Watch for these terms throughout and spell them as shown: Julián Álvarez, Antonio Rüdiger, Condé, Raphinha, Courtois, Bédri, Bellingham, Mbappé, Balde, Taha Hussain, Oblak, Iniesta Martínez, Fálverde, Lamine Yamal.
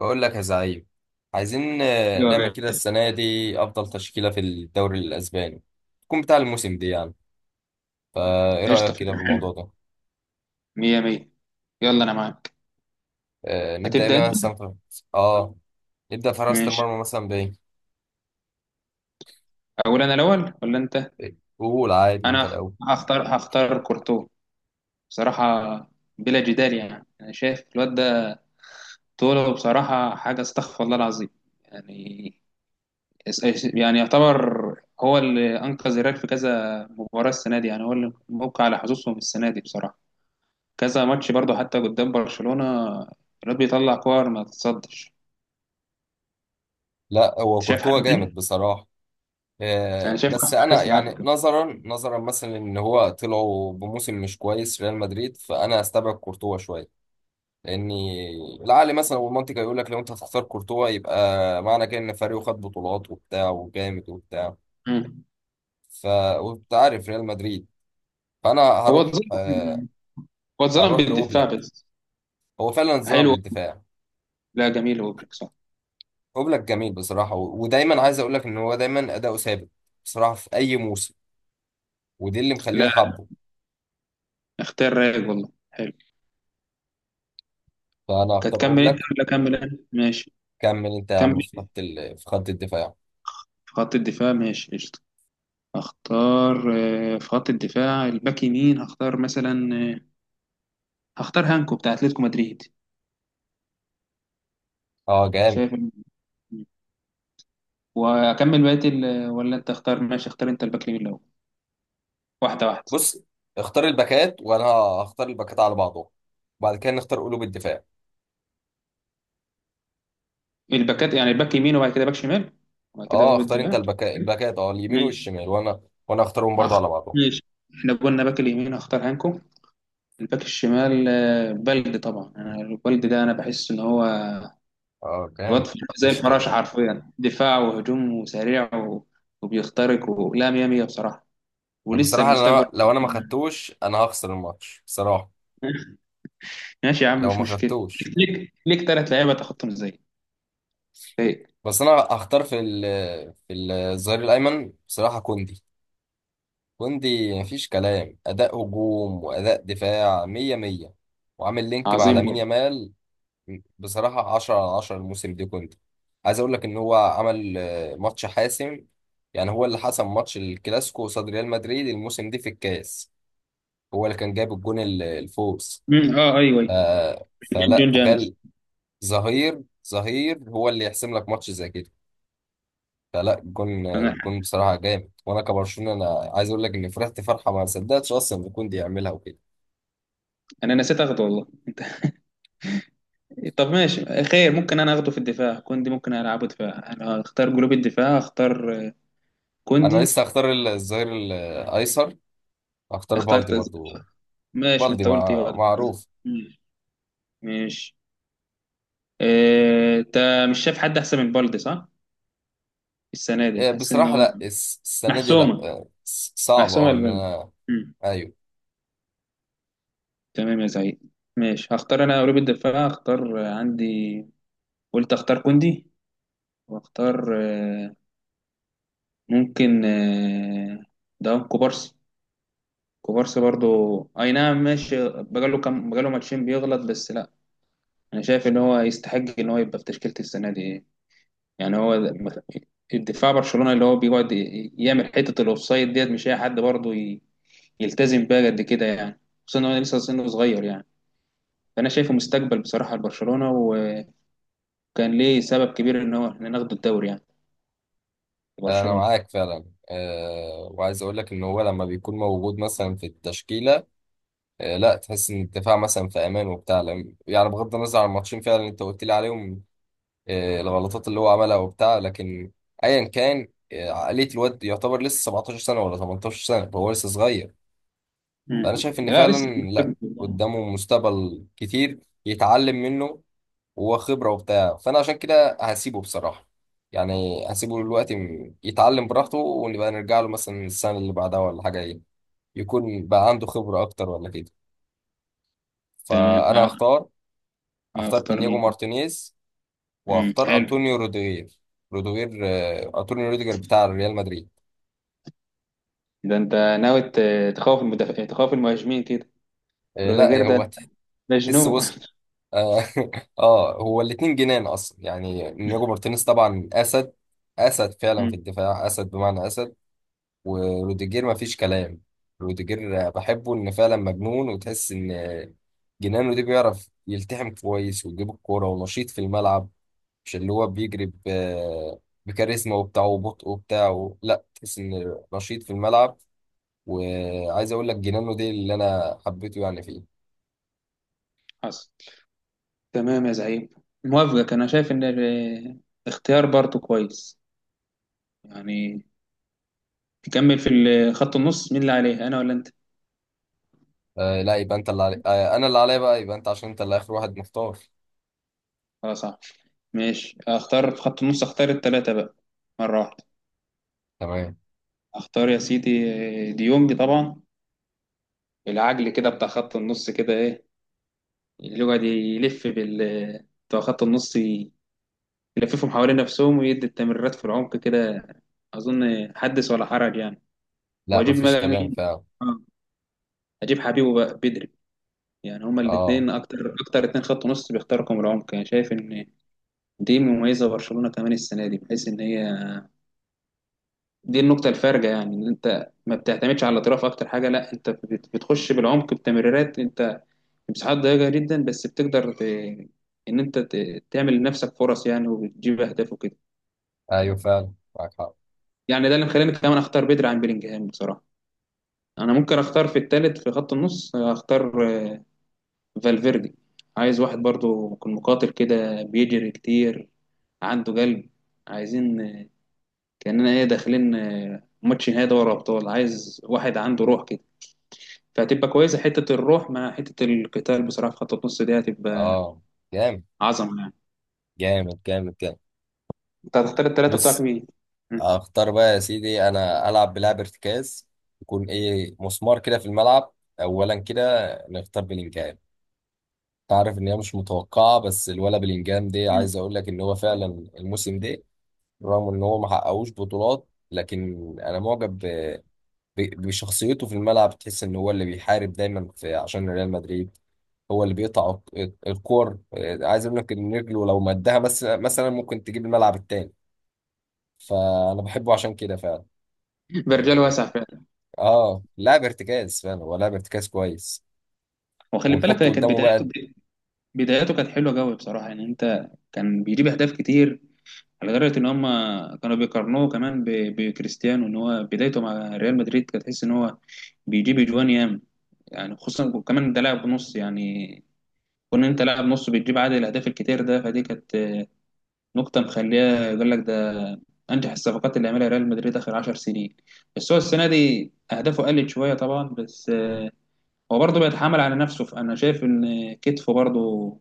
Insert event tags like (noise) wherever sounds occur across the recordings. بقول لك يا زعيم. عايزين ايوه يا نعمل كده غالي. السنة دي أفضل تشكيلة في الدوري الأسباني تكون بتاع الموسم دي يعني. فإيه قشطة، رأيك كده في حلو، الموضوع ده؟ مية مية. يلا أنا معاك. آه نبدأ هتبدأ أنت؟ بيها مثلا آه نبدأ في حراسة ماشي، المرمى مثلا بإيه؟ أقول أنا الأول ولا أنت؟ إيه؟ قول عادي أنت أنا الأول. هختار كورتو بصراحة، بلا جدال. يعني أنا شايف الواد ده طوله بصراحة حاجة، استغفر الله العظيم. يعني يعني يعتبر هو اللي أنقذ الريال في كذا مباراة السنة دي، يعني هو اللي موقع على حظوظهم السنة دي بصراحة. كذا ماتش برضه، حتى قدام برشلونة الواد بيطلع كور ما تتصدش. لا أنت هو شايف كورتوا حاجة جامد تاني؟ بصراحة. أنا آه شايف أحسن بس حارس أنا في العالم. يعني نظرا مثلا إن هو طلعوا بموسم مش كويس ريال مدريد فأنا أستبعد كورتوا شوية. لاني العقل مثلا والمنطق هيقول لك لو انت هتختار كورتوا يبقى معنى كده ان فريقه خد بطولات وبتاع وجامد وبتاع. مم. ف وانت عارف ريال مدريد. فانا هو هروح اتظلم. مم. هو اتظلم هروح بالدفاع لاوبلاك. بس. هو فعلا اتظلم حلو. بالدفاع. لا، جميل، وبلك صح. اوبلاك جميل بصراحه ودايما عايز اقول لك ان هو دايما اداؤه ثابت بصراحه في اي موسم. ودي اللي مخليني لا، حابه. اختيار رايق والله، حلو. فانا هختار هتكمل انت اوبلاك. ولا اكمل انا؟ ماشي، كمل انت يا كمل عم في انت. في خط الدفاع. في خط الدفاع ماشي قشطة. اختار، في خط الدفاع الباك يمين هختار مثلا، هختار هانكو بتاع اتلتيكو مدريد. اه أنا جامد. شايف إن- واكمل بقيه ولا انت اختار؟ ماشي، اختار انت الباك اليمين الاول، واحده واحده. بص اختار الباكات وانا هختار الباكات على بعضهم وبعد كده نختار قلوب الدفاع. الباكات يعني الباك يمين وبعد كده باك شمال، وبعد كده اه قلوب اختار انت الدفاع. الباكات اه اليمين ماشي. والشمال وانا اختارهم برضه أخ، على بعضهم. ماشي. إحنا قلنا باك اليمين هختار هانكو. الباك الشمال، بلدي طبعا. أنا البلدي ده أنا بحس إن هو اه الواد كام. زي مفيش الفراشة كلام حرفيا، دفاع وهجوم وسريع و... وبيخترق، ولا مية مية بصراحة. ولسه بصراحه. المستقبل انا (laughs) لو انا ما قدامنا. خدتوش انا هخسر الماتش بصراحه ماشي يا عم، لو مش ما مشكلة. خدتوش. ليك تلات لعيبة تاخدهم إزاي؟ إيه؟ بس انا هختار في الظهير الايمن بصراحه كوندي. كوندي مفيش كلام اداء هجوم واداء دفاع مية مية. وعامل لينك مع عظيم لامين برضه. يامال. بصراحة 10 على 10 الموسم ده كنت عايز أقول لك إن هو عمل ماتش حاسم. يعني هو اللي حسم ماتش الكلاسيكو قصاد ريال مدريد الموسم ده في الكاس. هو اللي كان جايب الجون الفوز. أمم، أه، أيوه ف... أيوه. فلا جون جامس. تخيل. ظهير ظهير هو اللي يحسم لك ماتش زي كده. فلا الجون أنا الجون بصراحة جامد وأنا كبرشلونة أنا عايز أقول لك إني فرحت فرحة ما صدقتش أصلا إن كوندي يعملها وكده. أنا نسيت أخده والله. طب ماشي، خير، ممكن انا اخده في الدفاع كوندي، ممكن العبه دفاع. انا اختار جروب الدفاع، اختار أنا كوندي. لسه هختار الظهير الأيسر. هختار بالدي اخترت أز- برضو. ماشي، ما بالدي انت قلت ايه بقى؟ معروف. مم. ماشي. اه، انت مش شايف حد احسن من بالدي صح؟ السنه دي حاسس ان بصراحة هو لا السنة دي لا محسومه، صعبة محسومه اه ان البلد. انا. مم. ايوه تمام يا سعيد. ماشي، هختار انا قلوب الدفاع، هختار عندي، قلت اختار كوندي واختار اه، ممكن ده كوبارسي. كوبارسي برضو. اي نعم، ماشي، بقاله كام، بقاله ماتشين بيغلط بس لا، انا شايف ان هو يستحق ان هو يبقى في تشكيله السنه دي. يعني هو الدفاع برشلونة اللي هو بيقعد يعمل حتة الاوفسايد، ديت مش اي حد برضه يلتزم بيها قد كده يعني. خصوصا ان هو لسه سنه صغير يعني، فانا شايفه مستقبل بصراحة لبرشلونة، وكان ليه سبب كبير ان هو احنا ناخد الدوري يعني، انا برشلونة. معاك فعلا. أه وعايز اقول لك ان هو لما بيكون موجود مثلا في التشكيلة. أه لا تحس ان الدفاع مثلا في امان وبتاع يعني بغض النظر عن الماتشين فعلا اللي انت قلت لي عليهم. أه الغلطات اللي هو عملها وبتاع لكن ايا كان عقلية الواد يعتبر لسه 17 سنة ولا 18 سنة فهو لسه صغير. مم. فانا شايف ان لا، لسه فعلا لا مستقبل يعني. قدامه مستقبل كتير يتعلم منه وخبرة وبتاع. فأنا عشان كده هسيبه بصراحة. يعني هسيبه دلوقتي يتعلم براحته ونبقى نرجع له مثلا السنة اللي بعدها ولا حاجة إيه. يكون بقى عنده خبرة أكتر ولا كده. تمام، فأنا عارف. هختار. هختار اختار إنياجو مين بقى؟ مارتينيز. مم. وهختار حلو. أنطونيو روديغير. روديغير أنطونيو روديغير بتاع ريال مدريد. ده انت ناوي تخوف المدافع، تخوف المهاجمين كده؟ روديجير لا ده هو (laughs) تحس مجنون بص. (laughs) اه (laughs) هو الاتنين جنان اصلا يعني انياجو مارتينيز طبعا اسد. اسد فعلا في مم. الدفاع اسد بمعنى اسد. وروديجير ما فيش كلام. روديجير بحبه ان فعلا مجنون وتحس ان جنانه دي بيعرف يلتحم كويس ويجيب الكوره ونشيط في الملعب. مش اللي هو بكاريزما وبتاع وبطء وبتاع لا تحس ان نشيط في الملعب. وعايز اقول لك جنانه دي اللي انا حبيته يعني فيه. حصل. تمام يا زعيم، موافقك. انا شايف ان الاختيار برضه كويس يعني. تكمل في خط النص؟ مين اللي عليه انا ولا انت؟ آه لا يبقى انت انا اللي عليا بقى يبقى انت عشان انت اللي اخر واحد مختار. خلاص، صح، ماشي. اختار في خط النص، اختار التلاتة بقى مرة واحدة. تمام. اختار يا سيدي ديونج طبعا، العجل كده بتاع خط النص كده، ايه اللي يقعد يلف بال، بتوع خط النص يلففهم حوالين نفسهم ويدي التمريرات في العمق كده. اظن حدث ولا حرج يعني. لا واجيب مفيش بقى كلام مين؟ فعلا. آه، اجيب حبيبه بقى بدري. يعني هما اه الاثنين اكتر اتنين خط نص بيخترقوا من العمق يعني. شايف ان دي مميزه برشلونه كمان السنه دي، بحيث ان هي دي النقطه الفارقه يعني. ان انت ما بتعتمدش على الاطراف اكتر حاجه، لا انت بتخش بالعمق بتمريرات، انت مساحات ضيقه جدا بس بتقدر ان انت تعمل لنفسك فرص يعني، وبتجيب اهداف وكده. ايوه فعلا معاك حق. يعني ده اللي مخليني كمان اختار بدري عن بيلينجهام بصراحه. انا ممكن اختار في الثالث في خط النص، اختار فالفيردي. عايز واحد برضو يكون مقاتل كده، بيجري كتير، عنده قلب. عايزين كأننا ايه داخلين، ماتش نهائي دوري أبطال، عايز واحد عنده روح كده. فهتبقى كويسة حتة الروح مع حتة القتال بصراحة، في خط النص دي هتبقى اه جامد عظمة يعني. جامد جامد جامد. انت هتختار التلاتة بتوعك بص مين؟ مم. اختار بقى يا سيدي انا العب بلعب ارتكاز يكون ايه مسمار كده في الملعب اولا كده نختار بلينجهام. تعرف ان هي مش متوقعه بس الولا بلينجهام دي مم. عايز اقول لك ان هو فعلا الموسم ده رغم ان هو ما حققوش بطولات لكن انا معجب بشخصيته في الملعب. تحس ان هو اللي بيحارب دايما في عشان ريال مدريد. هو اللي بيقطع الكور. عايز اقول لك ان رجله لو مدها بس مثلا ممكن تجيب الملعب التاني. فانا بحبه عشان كده فعلا. برجال واسع فعلا. اه لاعب ارتكاز فعلا هو لاعب ارتكاز كويس. وخلي بالك ونحطه هي كانت قدامه بقى. بدايته، بدايته كانت حلوة قوي بصراحة. يعني انت كان بيجيب أهداف كتير، على درجة إن هم كانوا بيقارنوه كمان بكريستيانو، إن هو بدايته مع ريال مدريد كانت تحس إن هو بيجيب أجوان ياما. يعني خصوصا كمان ده لاعب نص يعني، كون أنت لاعب نص بتجيب عدد الأهداف الكتير ده، فدي كانت نقطة مخليها يقول لك ده أنجح الصفقات اللي عملها ريال مدريد آخر 10 سنين. بس هو السنة دي أهدافه قلت شوية طبعا، بس هو برضه بيتحمل على نفسه. فأنا شايف إن كتفه برضه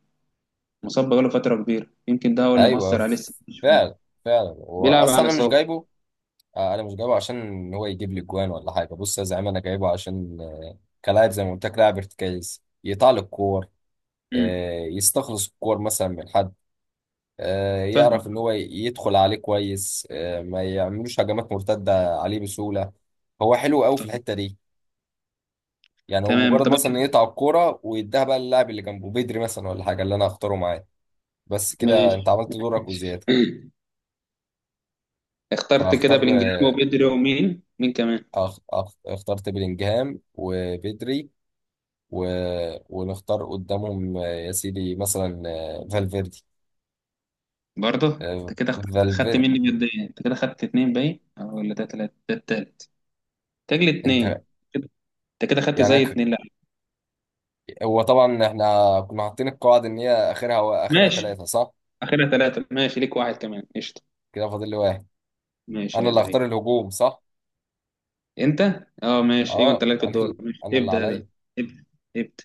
مصاب بقاله فترة كبيرة، يمكن ده هو اللي ايوه مأثر عليه السنة دي شوية. فعلا. فعلا هو بيلعب اصلا على انا مش إصابة. جايبه. انا مش جايبه عشان ان هو يجيب لي جوان ولا حاجه. بص يا زعيم انا جايبه عشان كلاعب زي ما قلت لك لاعب ارتكاز يطلع الكور. أمم، يستخلص الكور مثلا من حد. يعرف ان فاهم. هو يدخل عليه كويس ما يعملوش هجمات مرتده عليه بسهوله. هو حلو قوي في الحته دي. يعني هو تمام مجرد طب. مثلا إن يقطع الكوره ويديها بقى للاعب اللي جنبه بدري مثلا ولا حاجه اللي انا هختاره معاه. بس كده انت ماشي عملت دورك وزياده. ماشي. اخترت كده فاختار. بلينجهام وبيدري ومين مين كمان؟ اخترت بلينجهام وبدري. و... ونختار قدامهم يا سيدي مثلا فالفيردي. برضه. آه، انت كده اخترت، خدت فالفيردي. مني ماديا. انت كده خدت اتنين، باين أو، ولا ده تلاتة؟ ده التالت تجلي انت اتنين. كده- انت كده خدت يعني زي اتنين لا. هو طبعا احنا كنا حاطين القواعد ان هي اخرها اخرها ماشي، ثلاثه صح. اخرها تلاتة ماشي، ليك واحد كمان قشطة. كده فاضل لي واحد. ماشي انا يا اللي زعيم. هختار الهجوم صح. انت؟ اه ماشي، ايوه انت اه لك الدور ماشي، انا اللي ابدأ يا غالي. عليا. ابدأ ابدأ.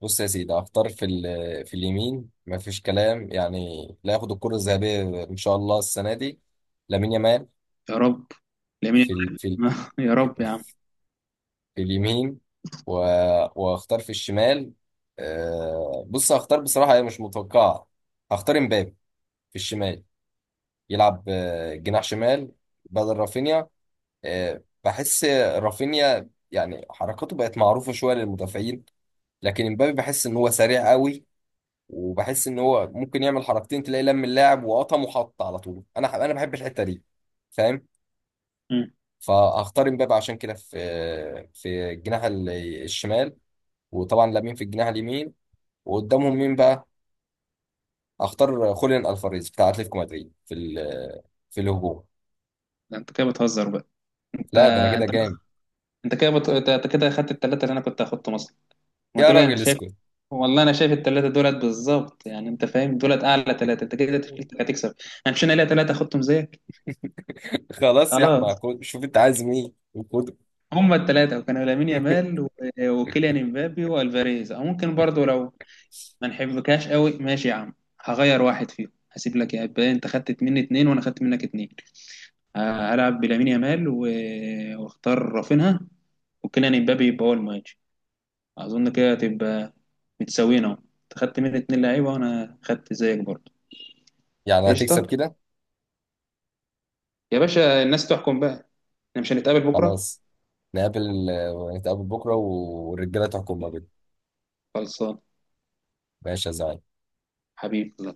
بص يا سيدي هختار في في اليمين مفيش كلام يعني لا ياخد الكرة الذهبية إن شاء الله السنة دي لامين يامال. يا رب. لمين؟ في ال في ال (laughs) يا رب يا عم. في, في اليمين. واختار في الشمال. بص هختار بصراحة هي مش متوقعة. هختار امبابي في الشمال يلعب جناح شمال بدل رافينيا. بحس رافينيا يعني حركاته بقت معروفة شوية للمدافعين. لكن امبابي بحس ان هو سريع قوي. وبحس ان هو ممكن يعمل حركتين تلاقي لم اللاعب وقطم وحط على طول. انا بحب الحته دي. فاهم. مم. فهختار امبابه عشان كده في في الشمال. وطبعا لامين في الجناح اليمين. وقدامهم مين بقى. هختار خوليان الفاريز بتاع اتلتيكو مدريد في في الهجوم. ده انت كده بتهزر بقى؟ انت لا ده انا كده انت جامد. انت كده اخدت الثلاثه اللي انا كنت هاخدهم اصلا. ما يا دول انت راجل شايف. اسكت. والله انا شايف الثلاثه دولت بالظبط يعني، انت فاهم، دولت اعلى ثلاثه، انت كده تكلفتك هتكسب. انا مش، انا ليا ثلاثه اخدتهم زيك. خلاص يا خلاص. احمد شوف انت عايز مين وخده. هم الثلاثه، وكانوا لامين يامال (laughs) و... وكيليان امبابي والفاريز. او ممكن برضو لو ما نحبكاش قوي ماشي يا عم، هغير واحد فيهم، هسيب لك يا ابا. انت خدت مني اتنين وانا خدت منك اتنين. هلعب بلامين يامال و... واختار رافينها وكيليان امبابي يبقى هو المهاجم. اظن كده هتبقى متساويين، اهو انت خدت مني اتنين لعيبه وانا خدت زيك برضه. يعني هتكسب قشطه كده. يا باشا. الناس تحكم بقى. احنا مش هنتقابل بكره؟ خلاص. نقابل. نتقابل بكره والرجاله تحكم ما بينهم. خلصان. ماشي يا زعيم. حبيبي.